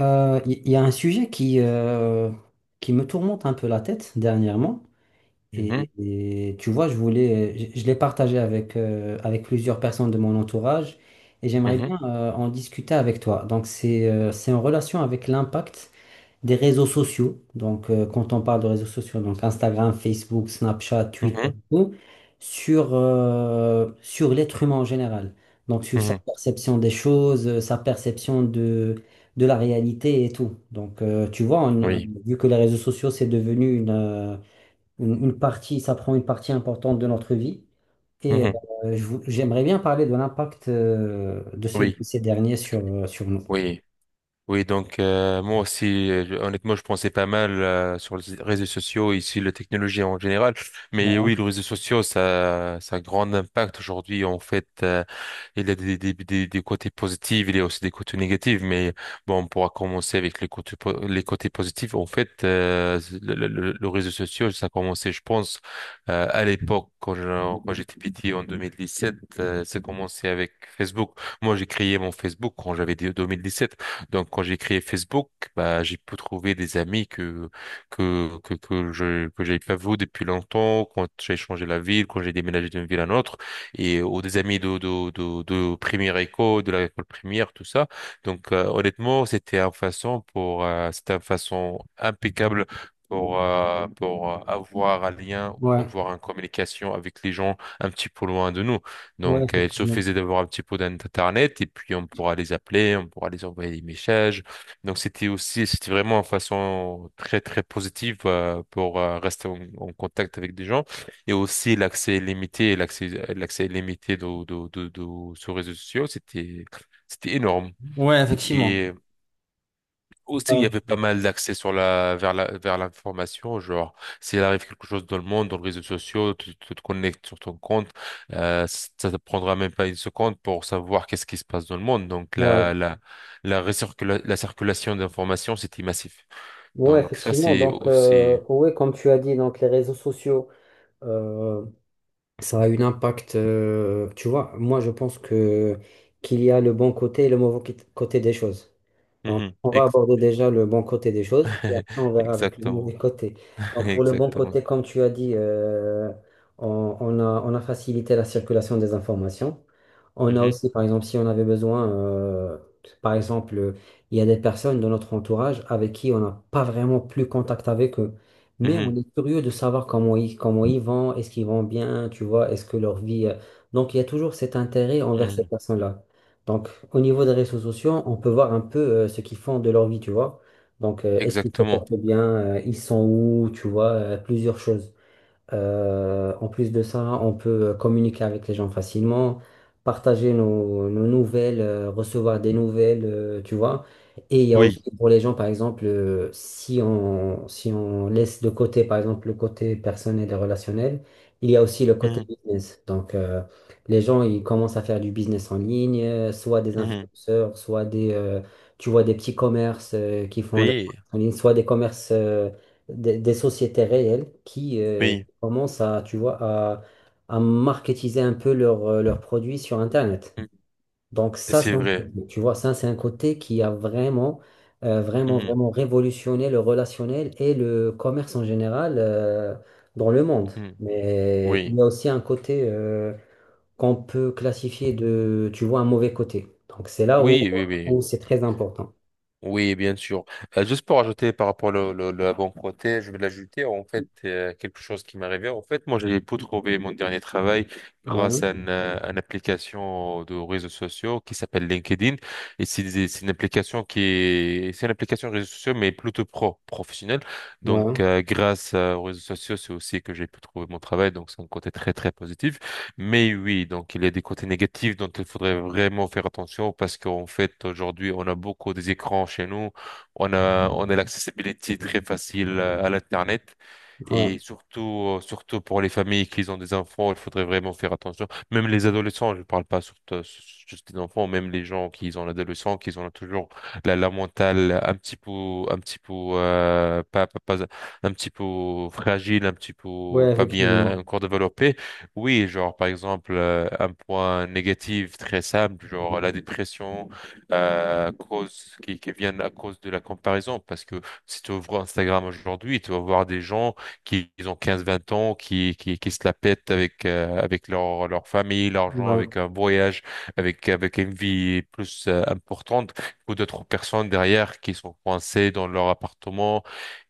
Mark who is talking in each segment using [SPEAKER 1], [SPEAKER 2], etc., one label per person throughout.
[SPEAKER 1] Il y, a un sujet qui me tourmente un peu la tête dernièrement.
[SPEAKER 2] Mhm,
[SPEAKER 1] Et, et tu vois, je l'ai partagé avec, avec plusieurs personnes de mon entourage et j'aimerais
[SPEAKER 2] mhm,
[SPEAKER 1] bien en discuter avec toi. Donc, c'est en relation avec l'impact des réseaux sociaux. Donc, quand on parle de réseaux sociaux, donc Instagram, Facebook, Snapchat, Twitter,
[SPEAKER 2] mhm,
[SPEAKER 1] tout, sur l'être humain en général. Donc, sur sa
[SPEAKER 2] mhm.
[SPEAKER 1] perception des choses, sa perception de la réalité et tout. Donc, tu vois,
[SPEAKER 2] Oui,
[SPEAKER 1] vu que les réseaux sociaux, c'est devenu une partie, ça prend une partie importante de notre vie. Et
[SPEAKER 2] mhm,
[SPEAKER 1] j'aimerais bien parler de l'impact de
[SPEAKER 2] oui,
[SPEAKER 1] ces derniers sur, sur nous.
[SPEAKER 2] oui. Oui, donc moi aussi, honnêtement, je pensais pas mal sur les réseaux sociaux, ici, la technologie en général. Mais
[SPEAKER 1] Ouais,
[SPEAKER 2] oui, les réseaux sociaux, ça a un grand impact aujourd'hui. En fait, il y a des côtés positifs, il y a aussi des côtés négatifs. Mais bon, on pourra commencer avec les côtés positifs. En fait, le réseau social, ça a commencé, je pense, à l'époque, quand j'étais petit, en 2017, ça a commencé avec Facebook. Moi, j'ai créé mon Facebook quand j'avais 2017. Donc, quand j'ai créé Facebook, bah, j'ai pu trouver des amis que j'avais pas vu depuis longtemps, quand j'ai changé la ville, quand j'ai déménagé d'une ville à une autre, et, ou des amis de première école, de l'école primaire, tout ça. Donc, honnêtement, c'était une façon impeccable pour avoir un lien ou
[SPEAKER 1] ouais,
[SPEAKER 2] avoir une communication avec les gens un petit peu loin de nous.
[SPEAKER 1] ouais,
[SPEAKER 2] Donc, il
[SPEAKER 1] effectivement.
[SPEAKER 2] suffisait d'avoir un petit peu d'internet et puis on pourra les appeler, on pourra les envoyer des messages. Donc, c'était vraiment une façon très, très positive pour rester en contact avec des gens. Et aussi, l'accès limité, l'accès limité sur les réseaux sociaux, c'était énorme.
[SPEAKER 1] Ouais, effectivement.
[SPEAKER 2] Et aussi, il y
[SPEAKER 1] Ah,
[SPEAKER 2] avait pas mal d'accès sur la, vers l'information, genre, s'il arrive quelque chose dans le monde, dans les réseaux sociaux, tu te connectes sur ton compte, ça te prendra même pas une seconde pour savoir qu'est-ce qui se passe dans le monde. Donc,
[SPEAKER 1] ouais.
[SPEAKER 2] la circulation d'informations, c'était massif.
[SPEAKER 1] Ouais,
[SPEAKER 2] Donc, ça,
[SPEAKER 1] effectivement.
[SPEAKER 2] c'est
[SPEAKER 1] Donc,
[SPEAKER 2] aussi.
[SPEAKER 1] ouais, comme tu as dit, donc les réseaux sociaux, euh, ça a un impact. Tu vois, moi, je pense que qu'il y a le bon côté et le mauvais côté des choses. Donc,
[SPEAKER 2] Mhm.
[SPEAKER 1] on va aborder déjà le bon côté des choses et après on verra avec le mauvais
[SPEAKER 2] Exactement.
[SPEAKER 1] côté. Donc, pour le bon
[SPEAKER 2] Exactement.
[SPEAKER 1] côté, comme tu as dit, on, on a facilité la circulation des informations. On a
[SPEAKER 2] Mhm.
[SPEAKER 1] aussi, par exemple, si on avait besoin, par exemple, il y a des personnes de notre entourage avec qui on n'a pas vraiment plus contact avec eux, mais on
[SPEAKER 2] Mhm.
[SPEAKER 1] est curieux de savoir comment ils vont, est-ce qu'ils vont bien, tu vois, est-ce que leur vie. Donc, il y a toujours cet intérêt envers ces
[SPEAKER 2] Mhm.
[SPEAKER 1] personnes-là. Donc, au niveau des réseaux sociaux, on peut voir un peu ce qu'ils font de leur vie, tu vois. Donc, est-ce qu'ils se
[SPEAKER 2] Exactement.
[SPEAKER 1] portent bien, ils sont où, tu vois, plusieurs choses. En plus de ça, on peut communiquer avec les gens facilement, partager nos nouvelles, recevoir des nouvelles, tu vois. Et il y a
[SPEAKER 2] Oui.
[SPEAKER 1] aussi pour les gens, par exemple, si on, si on laisse de côté, par exemple, le côté personnel et relationnel, il y a aussi le côté
[SPEAKER 2] Mhm.
[SPEAKER 1] business. Donc, les gens, ils commencent à faire du business en ligne, soit des
[SPEAKER 2] Mhm.
[SPEAKER 1] influenceurs, tu vois, des petits commerces, qui font le
[SPEAKER 2] Oui.
[SPEAKER 1] en ligne, soit des commerces, des sociétés réelles qui,
[SPEAKER 2] Oui.
[SPEAKER 1] commencent à, tu vois, à marketiser un peu leurs leurs produits sur Internet.
[SPEAKER 2] Mhm.
[SPEAKER 1] Donc ça,
[SPEAKER 2] C'est
[SPEAKER 1] c'est un
[SPEAKER 2] vrai.
[SPEAKER 1] côté, tu vois, ça, c'est un côté qui a vraiment,
[SPEAKER 2] Mhm.
[SPEAKER 1] vraiment révolutionné le relationnel et le commerce en général dans le monde.
[SPEAKER 2] Mhm.
[SPEAKER 1] Mais il
[SPEAKER 2] Oui.
[SPEAKER 1] y a aussi un côté qu'on peut classifier de, tu vois, un mauvais côté. Donc c'est là où,
[SPEAKER 2] Oui, oui, oui.
[SPEAKER 1] où c'est très important.
[SPEAKER 2] Oui, bien sûr. Juste pour ajouter par rapport le bon côté, je vais l'ajouter en fait quelque chose qui m'est arrivé. En fait, moi, j'ai pu trouver mon dernier travail
[SPEAKER 1] Ouais,
[SPEAKER 2] grâce à une application de réseaux sociaux qui s'appelle LinkedIn. Et c'est une application de réseaux sociaux, mais plutôt professionnelle. Donc,
[SPEAKER 1] ouais,
[SPEAKER 2] grâce aux réseaux sociaux, c'est aussi que j'ai pu trouver mon travail. Donc, c'est un côté très, très positif. Mais oui, donc il y a des côtés négatifs dont il faudrait vraiment faire attention parce qu'en fait, aujourd'hui, on a beaucoup des écrans chez nous. On a l'accessibilité très facile à l'Internet. Et
[SPEAKER 1] ouais,
[SPEAKER 2] surtout pour les familles qui ont des enfants, il faudrait vraiment faire attention. Même les adolescents, je ne parle pas surtout juste des enfants, même les gens qui ont l'adolescent, qui ont toujours la mentale un petit peu, euh, pas, pas, pas- un petit peu fragile, un petit peu
[SPEAKER 1] ouais,
[SPEAKER 2] pas bien
[SPEAKER 1] effectivement.
[SPEAKER 2] encore développée. Oui, genre par exemple un point négatif très simple, genre la dépression qui viennent à cause de la comparaison, parce que si tu ouvres Instagram aujourd'hui, tu vas voir des gens qui ils ont 15-20 ans, qui se la pètent avec avec leur famille, l'argent,
[SPEAKER 1] Ouais.
[SPEAKER 2] avec un voyage, avec une vie plus importante que d'autres personnes derrière qui sont coincées dans leur appartement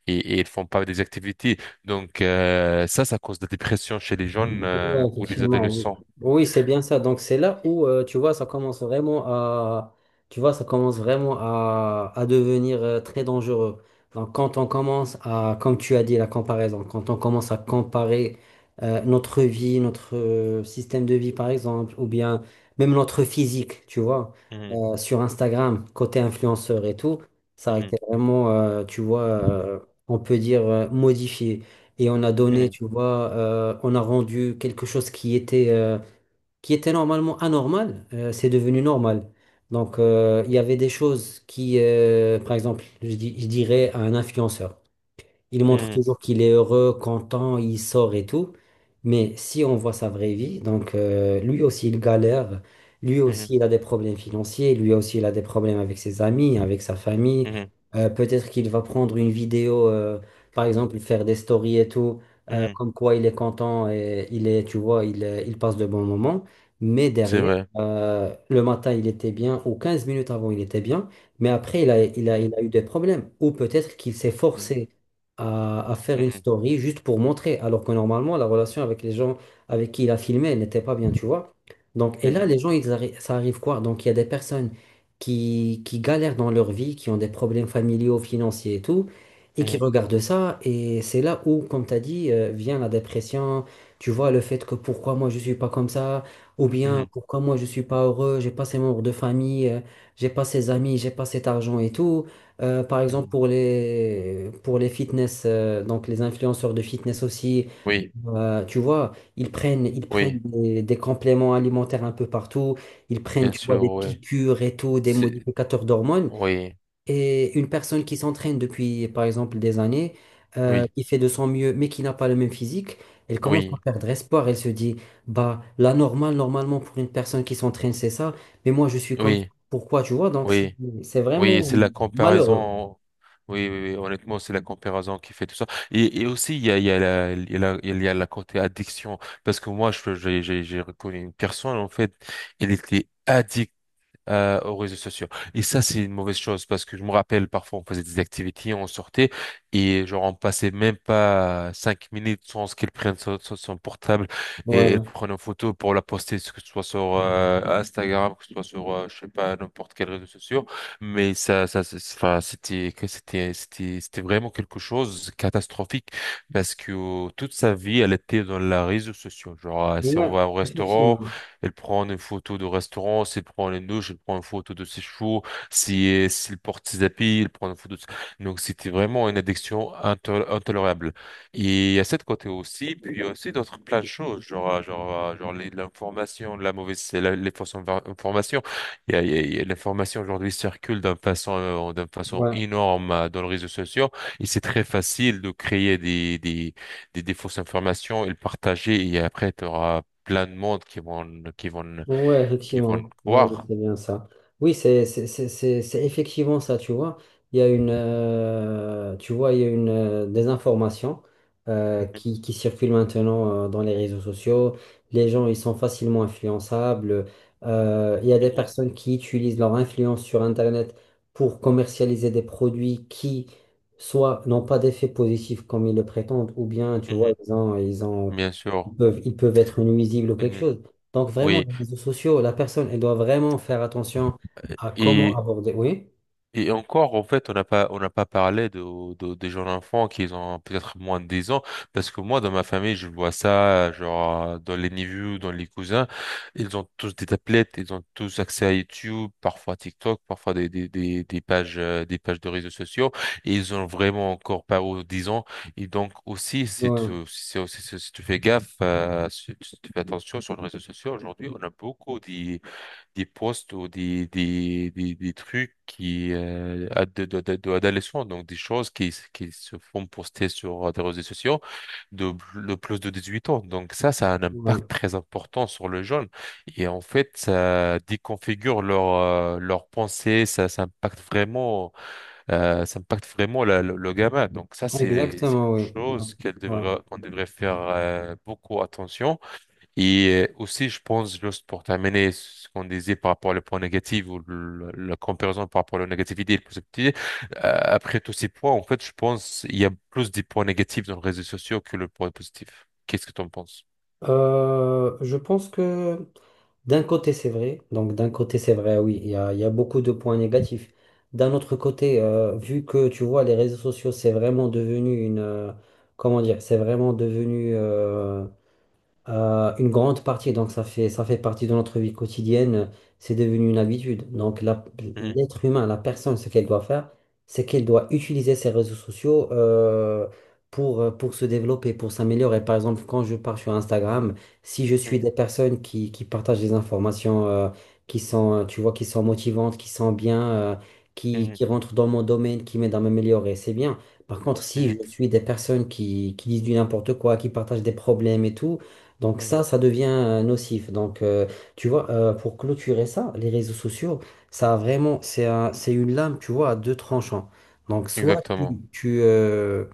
[SPEAKER 2] et ils font pas des activités. Donc ça cause de la dépression chez les jeunes
[SPEAKER 1] Ouais,
[SPEAKER 2] ou les
[SPEAKER 1] effectivement. Oui,
[SPEAKER 2] adolescents.
[SPEAKER 1] oui, c'est bien ça. Donc c'est là où tu vois ça commence vraiment à, à devenir très dangereux. Donc quand on commence à comme tu as dit la comparaison, quand on commence à comparer notre vie, notre système de vie par exemple ou bien même notre physique, tu vois,
[SPEAKER 2] Mhm,
[SPEAKER 1] sur Instagram côté influenceur et tout, ça a
[SPEAKER 2] mhm,
[SPEAKER 1] été vraiment on peut dire modifié et on a donné,
[SPEAKER 2] mhm,
[SPEAKER 1] tu vois, on a rendu quelque chose qui était normalement anormal, c'est devenu normal. Donc, il y avait des choses qui, par exemple, je dirais à un influenceur. Il montre toujours qu'il est heureux, content, il sort et tout. Mais si on voit sa vraie vie, donc lui aussi il galère, lui
[SPEAKER 2] mhm,
[SPEAKER 1] aussi il a des problèmes financiers, lui aussi il a des problèmes avec ses amis, avec sa famille.
[SPEAKER 2] mhm,
[SPEAKER 1] Peut-être qu'il va prendre une vidéo, par exemple faire des stories et tout,
[SPEAKER 2] mhm, mhm.
[SPEAKER 1] comme quoi il est content et il est, tu vois, il passe de bons moments. Mais
[SPEAKER 2] C'est
[SPEAKER 1] derrière,
[SPEAKER 2] vrai.
[SPEAKER 1] le matin il était bien, ou 15 minutes avant il était bien, mais après il
[SPEAKER 2] Mhm,
[SPEAKER 1] a eu des problèmes. Ou peut-être qu'il s'est
[SPEAKER 2] mhm,
[SPEAKER 1] forcé à faire une story juste pour montrer, alors que normalement, la relation avec les gens avec qui il a filmé elle n'était pas bien, tu vois. Donc, et là,
[SPEAKER 2] mhm,
[SPEAKER 1] les gens, ça arrive quoi? Donc, il y a des personnes qui galèrent dans leur vie, qui ont des problèmes familiaux, financiers et tout, et qui
[SPEAKER 2] mhm,
[SPEAKER 1] regardent ça, et c'est là où, comme tu as dit, vient la dépression, tu vois, le fait que pourquoi moi je suis pas comme ça, ou
[SPEAKER 2] mhm,
[SPEAKER 1] bien
[SPEAKER 2] mhm,
[SPEAKER 1] pourquoi moi je suis pas heureux, j'ai pas ces membres de famille, j'ai pas ces amis, j'ai pas cet argent et tout. Par exemple,
[SPEAKER 2] mhm.
[SPEAKER 1] pour les fitness, donc les influenceurs de fitness aussi,
[SPEAKER 2] Oui,
[SPEAKER 1] tu vois, ils prennent
[SPEAKER 2] oui,
[SPEAKER 1] des compléments alimentaires un peu partout, ils prennent,
[SPEAKER 2] bien
[SPEAKER 1] tu vois,
[SPEAKER 2] sûr,
[SPEAKER 1] des
[SPEAKER 2] oui.
[SPEAKER 1] piqûres et tout, des
[SPEAKER 2] C'est-
[SPEAKER 1] modificateurs d'hormones.
[SPEAKER 2] Oui,
[SPEAKER 1] Et une personne qui s'entraîne depuis, par exemple, des années,
[SPEAKER 2] oui,
[SPEAKER 1] qui fait de son mieux, mais qui n'a pas le même physique, elle commence à
[SPEAKER 2] oui,
[SPEAKER 1] perdre espoir. Elle se dit, bah, la normale, normalement, pour une personne qui s'entraîne, c'est ça, mais moi, je suis comme ça.
[SPEAKER 2] oui,
[SPEAKER 1] Pourquoi, tu vois, donc
[SPEAKER 2] oui.
[SPEAKER 1] c'est
[SPEAKER 2] Oui,
[SPEAKER 1] vraiment
[SPEAKER 2] c'est la
[SPEAKER 1] malheureux.
[SPEAKER 2] comparaison. Oui, oui, oui, honnêtement, c'est la comparaison qui fait tout ça. Et aussi, il y a, il y a la côté addiction. Parce que moi, je, j'ai reconnu une personne, en fait, elle était addicte aux réseaux sociaux. Et ça, c'est une mauvaise chose parce que je me rappelle, parfois, on faisait des activités, on sortait et genre, on passait même pas 5 minutes sans qu'elle prenne son portable et elle
[SPEAKER 1] Ouais,
[SPEAKER 2] prenne une photo pour la poster, que ce soit sur Instagram, que ce soit sur, je sais pas, n'importe quel réseau social. Mais enfin, c'était vraiment quelque chose de catastrophique parce que toute sa vie, elle était dans les réseaux sociaux. Genre, si on
[SPEAKER 1] ouais,
[SPEAKER 2] va au restaurant,
[SPEAKER 1] effectivement.
[SPEAKER 2] elle prend une photo de restaurant, elle prend une douche, elle prend une photo de ses chevaux, si, s'il porte ses habits, elle prend une photo de. Donc c'était vraiment une addiction intolérable. Et il y a cette côté aussi, puis il y a aussi d'autres plein de choses, genre l'information, les fausses informations. L'information aujourd'hui circule d'une façon
[SPEAKER 1] Ouais.
[SPEAKER 2] énorme dans les réseaux sociaux et c'est très facile de créer des fausses informations et le partager et après tu plein de monde
[SPEAKER 1] Ouais,
[SPEAKER 2] qui vont
[SPEAKER 1] effectivement. Ouais, ouais,
[SPEAKER 2] croire.
[SPEAKER 1] c'est bien ça. Oui, c'est effectivement ça, tu vois. Il y a une, tu vois, il y a une désinformation
[SPEAKER 2] Mhm,
[SPEAKER 1] qui circule maintenant dans les réseaux sociaux. Les gens, ils sont facilement influençables. Il y a des
[SPEAKER 2] mhm,
[SPEAKER 1] personnes qui utilisent leur influence sur Internet pour commercialiser des produits qui, soit n'ont pas d'effet positif comme ils le prétendent, ou bien, tu vois,
[SPEAKER 2] mhm.
[SPEAKER 1] ils ont,
[SPEAKER 2] Bien sûr.
[SPEAKER 1] ils peuvent être nuisibles ou quelque
[SPEAKER 2] Mhm.
[SPEAKER 1] chose. Donc vraiment,
[SPEAKER 2] Oui.
[SPEAKER 1] les réseaux sociaux, la personne, elle doit vraiment faire attention à comment
[SPEAKER 2] Et,
[SPEAKER 1] aborder. Oui,
[SPEAKER 2] Et encore, en fait, on n'a pas parlé des jeunes enfants qui ont peut-être moins de 10 ans, parce que moi, dans ma famille, je vois ça, genre, dans les neveux, dans les cousins, ils ont tous des tablettes, ils ont tous accès à YouTube, parfois TikTok, parfois des pages de réseaux sociaux, et ils ont vraiment encore pas aux 10 ans. Et donc, aussi, si tu,
[SPEAKER 1] ouais,
[SPEAKER 2] si, si- si si tu fais gaffe, si tu fais attention sur les réseaux sociaux, aujourd'hui, on a beaucoup des posts ou des trucs qui ad- de- d'adolescents, donc des choses qui se font poster sur des réseaux sociaux de plus de 18 ans. Donc ça a un impact
[SPEAKER 1] ouais.
[SPEAKER 2] très important sur le jeune. Et en fait, ça déconfigure leur pensée, ça impacte vraiment le gamin. Donc ça, c'est
[SPEAKER 1] Exactement,
[SPEAKER 2] quelque
[SPEAKER 1] oui.
[SPEAKER 2] chose
[SPEAKER 1] Ouais.
[SPEAKER 2] qu'on devrait faire beaucoup attention et aussi, je pense, juste pour terminer ce qu'on disait par rapport au point négatif ou la comparaison par rapport à la négativité et la positivité, après tous ces points, en fait, je pense qu'il y a plus des points négatifs dans les réseaux sociaux que le point positif. Qu'est-ce que tu en penses?
[SPEAKER 1] Je pense que d'un côté, c'est vrai. Donc d'un côté, c'est vrai, oui, il y a beaucoup de points négatifs. D'un autre côté, vu que tu vois, les réseaux sociaux, c'est vraiment devenu une... comment dire? C'est vraiment devenu... une grande partie, donc ça fait partie de notre vie quotidienne, c'est devenu une habitude.
[SPEAKER 2] Mhm,
[SPEAKER 1] L'être humain, la personne, ce qu'elle doit faire, c'est qu'elle doit utiliser ses réseaux sociaux pour se développer, pour s'améliorer. Par exemple, quand je pars sur Instagram, si je suis des personnes qui partagent des informations qui sont, tu vois, qui sont motivantes, qui sont bien,
[SPEAKER 2] mhm,
[SPEAKER 1] qui rentrent dans mon domaine, qui m'aident à m'améliorer, c'est bien. Par contre, si
[SPEAKER 2] mhm,
[SPEAKER 1] je suis des personnes qui disent du n'importe quoi, qui partagent des problèmes et tout, donc
[SPEAKER 2] mhm, mhm.
[SPEAKER 1] ça devient nocif. Donc tu vois, pour clôturer ça, les réseaux sociaux, c'est un- c'est une lame, tu vois, à deux tranchants. Donc
[SPEAKER 2] Exactement.
[SPEAKER 1] tu, euh,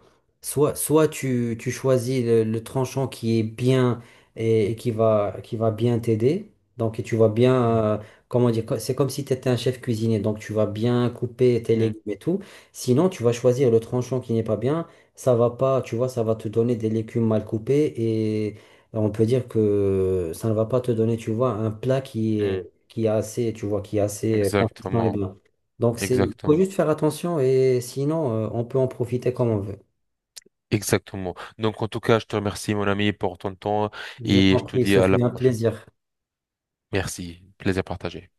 [SPEAKER 1] soit, soit tu, tu choisis le tranchant qui est bien et qui va bien t'aider. Donc et tu vas bien,
[SPEAKER 2] Mhm,
[SPEAKER 1] comment dire, c'est comme si tu étais un chef cuisinier. Donc tu vas bien couper tes
[SPEAKER 2] mhm,
[SPEAKER 1] légumes et tout. Sinon, tu vas choisir le tranchant qui n'est pas bien. Ça va pas, tu vois, ça va te donner des légumes mal coupés et on peut dire que ça ne va pas te donner, tu vois, un plat
[SPEAKER 2] mhm.
[SPEAKER 1] qui est assez, tu vois, qui est assez consistant et
[SPEAKER 2] Exactement.
[SPEAKER 1] bien. Donc, c'est, faut
[SPEAKER 2] Exactement.
[SPEAKER 1] juste faire attention et sinon, on peut en profiter comme on veut.
[SPEAKER 2] Exactement. Donc, en tout cas, je te remercie, mon ami, pour ton temps
[SPEAKER 1] Je
[SPEAKER 2] et
[SPEAKER 1] t'en
[SPEAKER 2] je te
[SPEAKER 1] prie,
[SPEAKER 2] dis
[SPEAKER 1] ce
[SPEAKER 2] à la
[SPEAKER 1] fut un
[SPEAKER 2] prochaine.
[SPEAKER 1] plaisir.
[SPEAKER 2] Merci. Plaisir partagé.